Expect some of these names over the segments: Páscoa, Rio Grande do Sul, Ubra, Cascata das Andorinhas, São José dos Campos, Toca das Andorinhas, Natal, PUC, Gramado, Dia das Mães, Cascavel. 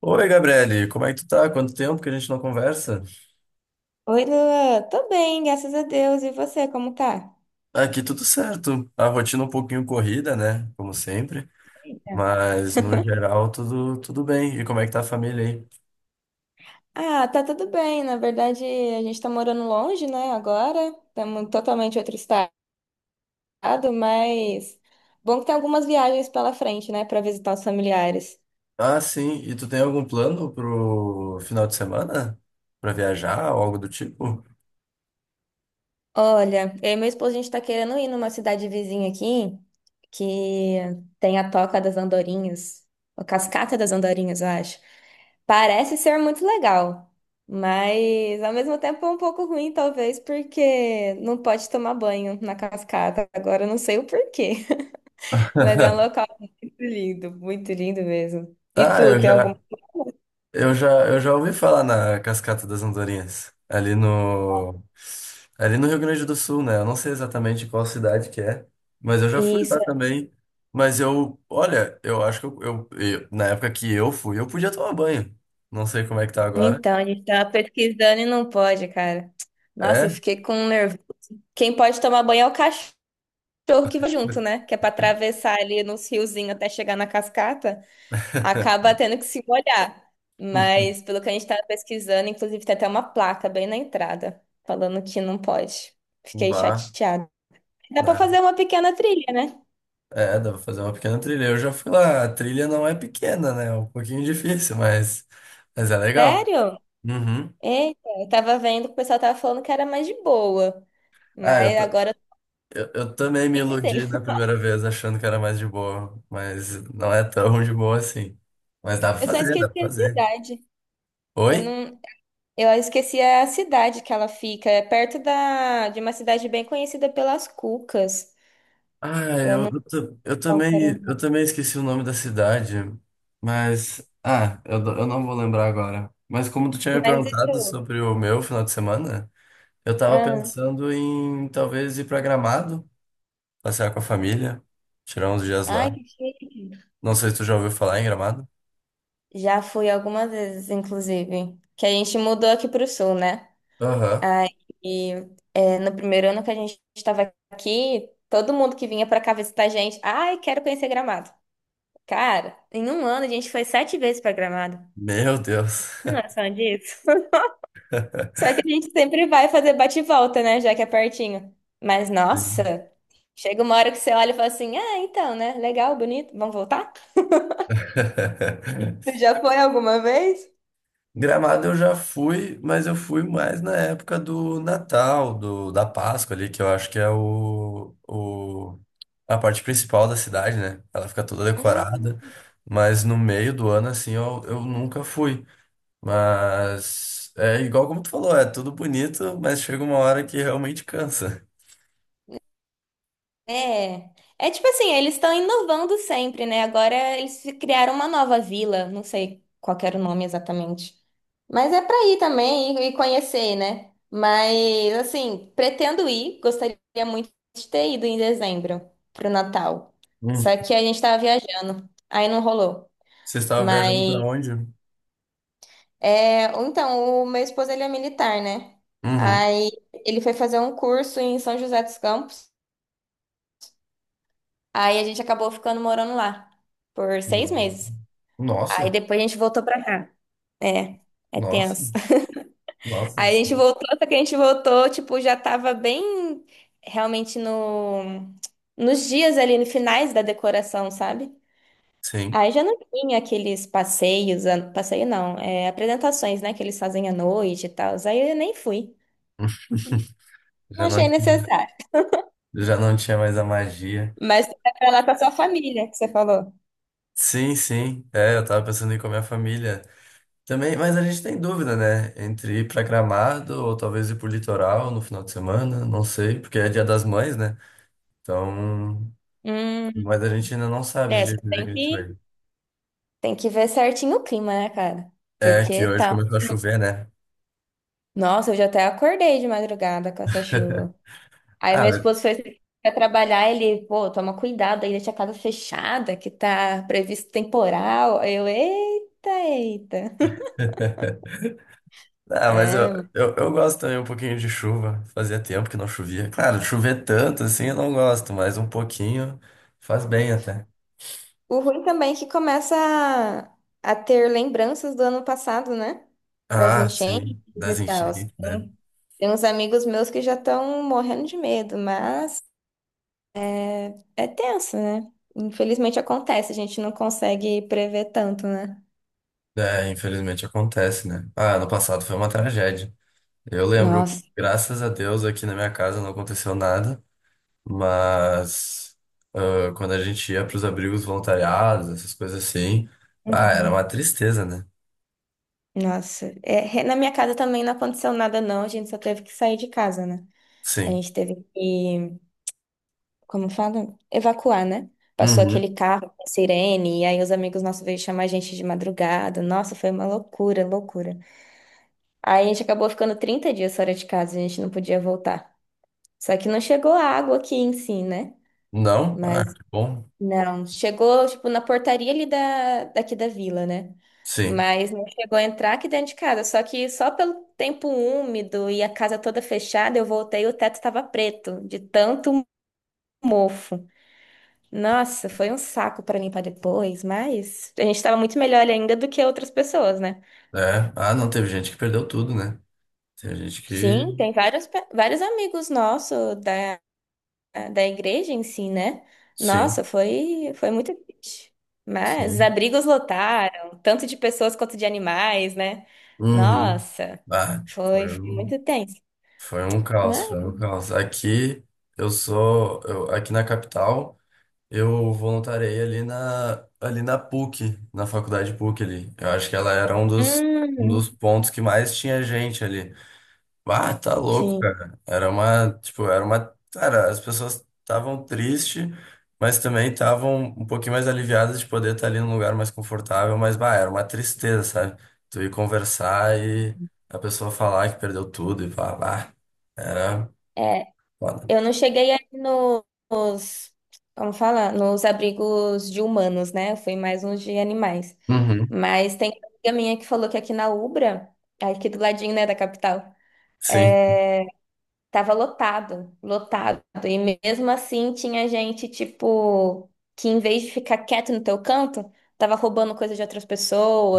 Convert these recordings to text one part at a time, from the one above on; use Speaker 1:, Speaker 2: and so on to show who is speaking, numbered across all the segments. Speaker 1: Oi, Gabriele, como é que tu tá? Quanto tempo que a gente não conversa?
Speaker 2: Oi, Lua. Tô bem, graças a Deus. E você, como tá?
Speaker 1: Aqui tudo certo. A rotina um pouquinho corrida, né? Como sempre.
Speaker 2: Eita.
Speaker 1: Mas no geral tudo bem. E como é que tá a família aí?
Speaker 2: Ah, tá tudo bem. Na verdade, a gente tá morando longe, né, agora. Estamos totalmente em outro estado, mas bom que tem algumas viagens pela frente, né, pra visitar os familiares.
Speaker 1: Ah, sim. E tu tem algum plano pro final de semana? Pra viajar ou algo do tipo?
Speaker 2: Olha, eu e meu esposo, a gente tá querendo ir numa cidade vizinha aqui, que tem a Toca das Andorinhas, a Cascata das Andorinhas, eu acho. Parece ser muito legal, mas ao mesmo tempo é um pouco ruim, talvez, porque não pode tomar banho na cascata. Agora eu não sei o porquê, mas é um local muito lindo mesmo. E
Speaker 1: Ah,
Speaker 2: tu,
Speaker 1: eu
Speaker 2: tem algum?
Speaker 1: já. Eu já ouvi falar na Cascata das Andorinhas, ali no Rio Grande do Sul, né? Eu não sei exatamente qual cidade que é, mas eu já fui lá
Speaker 2: Isso,
Speaker 1: também. Mas eu, olha, eu acho que na época que eu fui, eu podia tomar banho. Não sei como é que tá agora.
Speaker 2: então, a gente tava pesquisando e não pode, cara. Nossa, eu
Speaker 1: É?
Speaker 2: fiquei com um nervo. Quem pode tomar banho é o cachorro que vai junto, né? Que é pra atravessar ali nos riozinhos até chegar na cascata. Acaba tendo que se molhar. Mas pelo que a gente estava pesquisando, inclusive tem até uma placa bem na entrada falando que não pode.
Speaker 1: Um
Speaker 2: Fiquei
Speaker 1: bar.
Speaker 2: chateada. Dá para
Speaker 1: Né?
Speaker 2: fazer uma pequena trilha, né?
Speaker 1: É, dá pra fazer uma pequena trilha. Eu já fui lá, a trilha não é pequena, né? É um pouquinho difícil, mas é legal.
Speaker 2: Sério?
Speaker 1: Uhum.
Speaker 2: Eita, eu tava vendo que o pessoal tava falando que era mais de boa,
Speaker 1: Ah, eu,
Speaker 2: mas agora
Speaker 1: Eu também me
Speaker 2: eu tô sem…
Speaker 1: iludi da primeira vez, achando que era mais de boa, mas não é tão de boa assim. Mas dá pra
Speaker 2: Eu só
Speaker 1: fazer, dá
Speaker 2: esqueci
Speaker 1: pra
Speaker 2: a
Speaker 1: fazer.
Speaker 2: cidade. Eu
Speaker 1: Oi?
Speaker 2: não, eu esqueci a cidade que ela fica, é perto da de uma cidade bem conhecida pelas cucas.
Speaker 1: Ah,
Speaker 2: Eu não
Speaker 1: eu
Speaker 2: quero.
Speaker 1: também esqueci o nome da cidade, mas. Eu não vou lembrar agora. Mas como tu tinha me
Speaker 2: Mas e
Speaker 1: perguntado
Speaker 2: tu?
Speaker 1: sobre o meu final de semana, eu tava
Speaker 2: Ah,
Speaker 1: pensando em talvez ir pra Gramado, passear com a família, tirar uns dias lá.
Speaker 2: ai, que chique.
Speaker 1: Não sei se tu já ouviu falar em Gramado.
Speaker 2: Já fui algumas vezes, inclusive. Que a gente mudou aqui pro sul, né?
Speaker 1: Aham.
Speaker 2: Aí, é, no primeiro ano que a gente estava aqui, todo mundo que vinha pra cá visitar a gente, ai, quero conhecer Gramado. Cara, em um ano a gente foi 7 vezes pra Gramado.
Speaker 1: Meu Deus.
Speaker 2: Tem noção disso? Só que a gente sempre vai fazer bate e volta, né? Já que é pertinho. Mas, nossa, chega uma hora que você olha e fala assim, ah, então, né? Legal, bonito, vamos voltar? Você já foi alguma vez?
Speaker 1: Gramado eu já fui, mas eu fui mais na época do Natal, da Páscoa ali, que eu acho que é a parte principal da cidade, né? Ela fica toda decorada, mas no meio do ano, assim, eu nunca fui. Mas é igual como tu falou, é tudo bonito, mas chega uma hora que realmente cansa.
Speaker 2: É, é tipo assim, eles estão inovando sempre, né? Agora eles criaram uma nova vila, não sei qual que era o nome exatamente. Mas é pra ir também e conhecer, né? Mas assim, pretendo ir, gostaria muito de ter ido em dezembro pro Natal.
Speaker 1: Uhum.
Speaker 2: Só que a gente tava viajando, aí não rolou.
Speaker 1: Você estava viajando
Speaker 2: Mas
Speaker 1: pra onde?
Speaker 2: é, ou então, o meu esposo ele é militar, né?
Speaker 1: Uhum.
Speaker 2: Aí ele foi fazer um curso em São José dos Campos. Aí a gente acabou ficando morando lá por 6 meses. Aí
Speaker 1: Nossa,
Speaker 2: depois a gente voltou pra cá. É, é
Speaker 1: nossa,
Speaker 2: tenso. Aí a gente
Speaker 1: nossa.
Speaker 2: voltou, só que a gente voltou, tipo, já tava bem realmente no, nos dias ali, no finais da decoração, sabe?
Speaker 1: Sim,
Speaker 2: Aí já não tinha aqueles passeios, a- passeio não, é, apresentações, né, que eles fazem à noite e tal. Aí eu nem fui. Não
Speaker 1: já não.
Speaker 2: achei necessário.
Speaker 1: Já não tinha mais a magia.
Speaker 2: Mas você vai pra lá com a sua família, que você falou.
Speaker 1: Sim, sim. É, eu tava pensando em ir com a minha família. Também, mas a gente tem dúvida, né? Entre ir pra Gramado ou talvez ir pro litoral no final de semana, não sei, porque é Dia das Mães, né? Então,
Speaker 2: Hum,
Speaker 1: mas a gente ainda não sabe
Speaker 2: é, você
Speaker 1: direito o dia
Speaker 2: tem
Speaker 1: que a
Speaker 2: que
Speaker 1: gente vai.
Speaker 2: ir. Tem que ver certinho o clima, né, cara?
Speaker 1: É que
Speaker 2: Porque
Speaker 1: hoje
Speaker 2: tá.
Speaker 1: começou a chover, né?
Speaker 2: Nossa, eu já até acordei de madrugada com essa chuva. Aí
Speaker 1: Ah,
Speaker 2: meu
Speaker 1: mas,
Speaker 2: esposo foi pra trabalhar, ele, pô, toma cuidado aí, deixa a casa fechada, que tá previsto temporal. Aí eu, eita, eita.
Speaker 1: ah, mas
Speaker 2: É.
Speaker 1: eu gosto também um pouquinho de chuva. Fazia tempo que não chovia. Claro, chover tanto assim eu não gosto, mas um pouquinho faz bem até.
Speaker 2: O ruim também é que começa a ter lembranças do ano passado, né? Das
Speaker 1: Ah,
Speaker 2: enchentes
Speaker 1: sim,
Speaker 2: e
Speaker 1: das
Speaker 2: tal.
Speaker 1: enchentes, né?
Speaker 2: Tem, tem uns amigos meus que já estão morrendo de medo, mas. É tenso, né? Infelizmente acontece, a gente não consegue prever tanto, né?
Speaker 1: É, infelizmente acontece, né? Ah, ano passado foi uma tragédia. Eu lembro,
Speaker 2: Nossa.
Speaker 1: graças a Deus, aqui na minha casa não aconteceu nada, mas ah, quando a gente ia para os abrigos voluntariados, essas coisas assim, ah, era uma
Speaker 2: Uhum.
Speaker 1: tristeza, né?
Speaker 2: Nossa, é, re- na minha casa também não aconteceu nada, não. A gente só teve que sair de casa, né? A
Speaker 1: Sim.
Speaker 2: gente teve que, como fala? Evacuar, né? Passou
Speaker 1: Uhum.
Speaker 2: aquele carro com sirene, e aí os amigos nossos veio chamar a gente de madrugada. Nossa, foi uma loucura, loucura. Aí a gente acabou ficando 30 dias fora de casa, a gente não podia voltar. Só que não chegou água aqui em si, né?
Speaker 1: Não? Ah,
Speaker 2: Mas
Speaker 1: que bom.
Speaker 2: não, chegou, tipo, na portaria ali da, daqui da vila, né?
Speaker 1: Sim.
Speaker 2: Mas não chegou a entrar aqui dentro de casa. Só que só pelo tempo úmido e a casa toda fechada, eu voltei e o teto estava preto, de tanto mofo. Nossa, foi um saco para limpar depois, mas a gente estava muito melhor ainda do que outras pessoas, né?
Speaker 1: É. Ah, não, teve gente que perdeu tudo, né? Tem gente que.
Speaker 2: Sim, tem vários, pe- vários amigos nossos ah, da igreja em si, né?
Speaker 1: Sim.
Speaker 2: Nossa, foi, foi muito triste. Mas os
Speaker 1: Sim.
Speaker 2: abrigos lotaram, tanto de pessoas quanto de animais, né?
Speaker 1: Uhum.
Speaker 2: Nossa,
Speaker 1: Ah,
Speaker 2: foi,
Speaker 1: foi.
Speaker 2: foi
Speaker 1: Um.
Speaker 2: muito tenso,
Speaker 1: Foi um caos,
Speaker 2: né?
Speaker 1: foi um caos. Aqui aqui na capital, eu voluntariei ali na PUC, na faculdade PUC ali. Eu acho que ela era um
Speaker 2: Hum,
Speaker 1: dos pontos que mais tinha gente ali. Ah, tá louco,
Speaker 2: sim.
Speaker 1: cara. Era uma, cara, as pessoas estavam tristes, mas também estavam um pouquinho mais aliviadas de poder estar ali num lugar mais confortável, mas bah, era uma tristeza, sabe? Tu ir conversar e a pessoa falar que perdeu tudo e falar, bah, era
Speaker 2: É,
Speaker 1: foda.
Speaker 2: eu não cheguei aí no- nos, como fala, nos abrigos de humanos, né? Eu fui mais nos de animais.
Speaker 1: Uhum,
Speaker 2: Mas tem uma amiga minha que falou que aqui na Ubra, aqui do ladinho, né, da capital,
Speaker 1: sim.
Speaker 2: é, tava lotado, lotado. E mesmo assim tinha gente, tipo, que em vez de ficar quieto no teu canto, tava roubando coisa de outras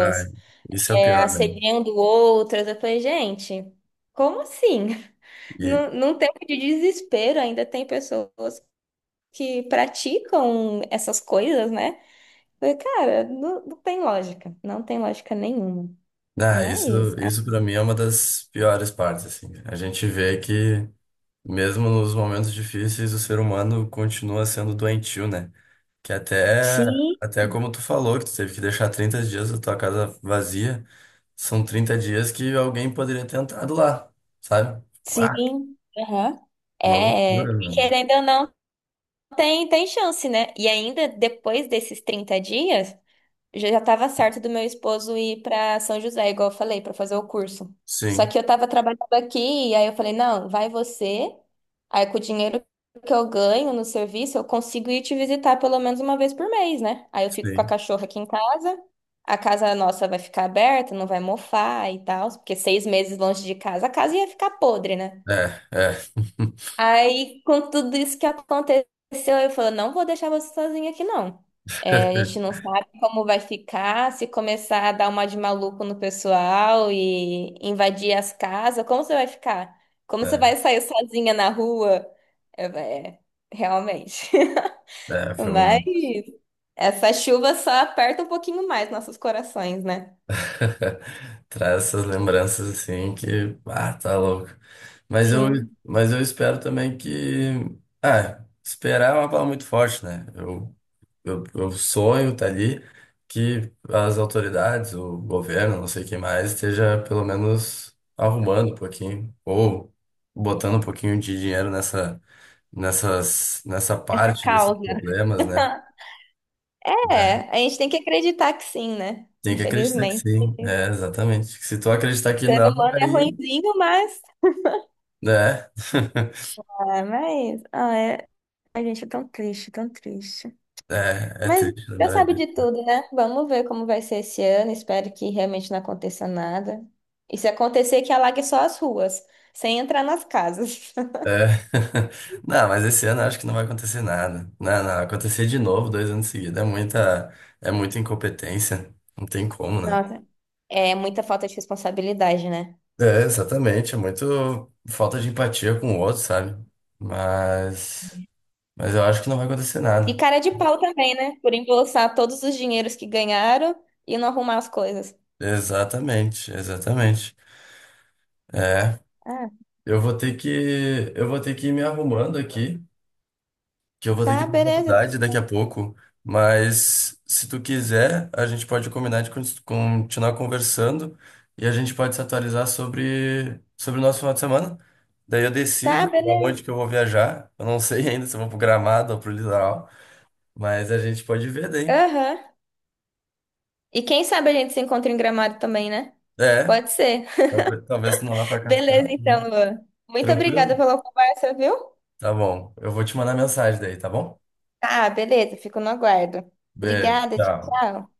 Speaker 1: Ah, isso é o
Speaker 2: é,
Speaker 1: pior, né?
Speaker 2: assediando outras. Eu falei, gente, como assim?
Speaker 1: E,
Speaker 2: Num, num tempo de desespero ainda tem pessoas que praticam essas coisas, né? Eu falei, cara, não, não tem lógica, não tem lógica nenhuma.
Speaker 1: ah, isso,
Speaker 2: Mas, ah,
Speaker 1: isso para mim é uma das piores partes, assim. A gente vê que mesmo nos momentos difíceis, o ser humano continua sendo doentio, né? Que até,
Speaker 2: sim,
Speaker 1: até como tu falou, que tu teve que deixar 30 dias da tua casa vazia, são 30 dias que alguém poderia ter entrado lá, sabe? Ah,
Speaker 2: sim. Aham.
Speaker 1: uma
Speaker 2: É,
Speaker 1: loucura, mano.
Speaker 2: querendo ou não. Tem chance, né? E ainda depois desses 30 dias, já já tava certo do meu esposo ir para São José, igual eu falei, para fazer o curso. Só
Speaker 1: Sim,
Speaker 2: que eu tava trabalhando aqui, e aí eu falei, não, vai você. Aí com o dinheiro que eu ganho no serviço, eu consigo ir te visitar pelo menos uma vez por mês, né? Aí eu fico com a
Speaker 1: sim.
Speaker 2: cachorra aqui em casa. A casa nossa vai ficar aberta, não vai mofar e tal, porque 6 meses longe de casa, a casa ia ficar podre, né?
Speaker 1: É, é.
Speaker 2: Aí, com tudo isso que aconteceu, eu falei, não vou deixar você sozinha aqui, não. É, a gente não sabe como vai ficar, se começar a dar uma de maluco no pessoal e invadir as casas, como você vai ficar? Como você
Speaker 1: É,
Speaker 2: vai sair sozinha na rua? Eu falei, é, realmente.
Speaker 1: é, foi um
Speaker 2: Mas
Speaker 1: momento.
Speaker 2: essa chuva só aperta um pouquinho mais nossos corações, né?
Speaker 1: Traz essas lembranças assim que, ah, tá louco. Mas eu,
Speaker 2: Sim,
Speaker 1: mas eu espero também que, ah, esperar é uma palavra muito forte, né? Eu sonho tá ali que as autoridades, o governo, não sei quem mais, esteja pelo menos arrumando um pouquinho ou botando um pouquinho de dinheiro nessa
Speaker 2: é
Speaker 1: parte desses
Speaker 2: causa.
Speaker 1: problemas, né? É,
Speaker 2: É, a gente tem que acreditar que sim, né?
Speaker 1: tem que acreditar que
Speaker 2: Infelizmente.
Speaker 1: sim, é, exatamente. Se tu acreditar que
Speaker 2: Ser
Speaker 1: não,
Speaker 2: humano é ruinzinho, mas.
Speaker 1: é,
Speaker 2: Ah, mas. Ah, é… A gente é tão triste, tão triste.
Speaker 1: é, é
Speaker 2: Mas
Speaker 1: triste
Speaker 2: Deus
Speaker 1: lembrar
Speaker 2: sabe
Speaker 1: disso.
Speaker 2: de tudo, né? Vamos ver como vai ser esse ano. Espero que realmente não aconteça nada. E se acontecer, que alague só as ruas, sem entrar nas casas.
Speaker 1: É. Não, mas esse ano eu acho que não vai acontecer nada. Não, não, acontecer de novo dois anos seguidos é muita incompetência. Não tem como, né?
Speaker 2: Nossa, é muita falta de responsabilidade, né?
Speaker 1: É, exatamente. É muito falta de empatia com o outro, sabe? Mas, mas eu acho que não vai acontecer
Speaker 2: E
Speaker 1: nada.
Speaker 2: cara de pau também, né? Por embolsar todos os dinheiros que ganharam e não arrumar as coisas.
Speaker 1: Exatamente, exatamente. É,
Speaker 2: Ah,
Speaker 1: eu vou ter que ir me arrumando aqui. Que eu vou ter que
Speaker 2: tá,
Speaker 1: ir pra
Speaker 2: beleza.
Speaker 1: faculdade daqui a pouco, mas se tu quiser, a gente pode combinar de continuar conversando e a gente pode se atualizar sobre o nosso final de semana. Daí eu decido
Speaker 2: Tá,
Speaker 1: pra onde
Speaker 2: beleza.
Speaker 1: que eu vou viajar. Eu não sei ainda se eu vou pro Gramado ou pro litoral, mas a gente pode ver daí.
Speaker 2: Aham. E quem sabe a gente se encontra em Gramado também, né?
Speaker 1: É,
Speaker 2: Pode ser.
Speaker 1: talvez, talvez tu não vá pra
Speaker 2: Beleza,
Speaker 1: Cascavel, né?
Speaker 2: então, Luan. Muito obrigada
Speaker 1: Tranquilo?
Speaker 2: pela conversa, viu?
Speaker 1: Tá bom. Eu vou te mandar mensagem daí, tá bom?
Speaker 2: Ah, beleza, fico no aguardo.
Speaker 1: Beijo,
Speaker 2: Obrigada, tchau,
Speaker 1: tchau.
Speaker 2: tchau.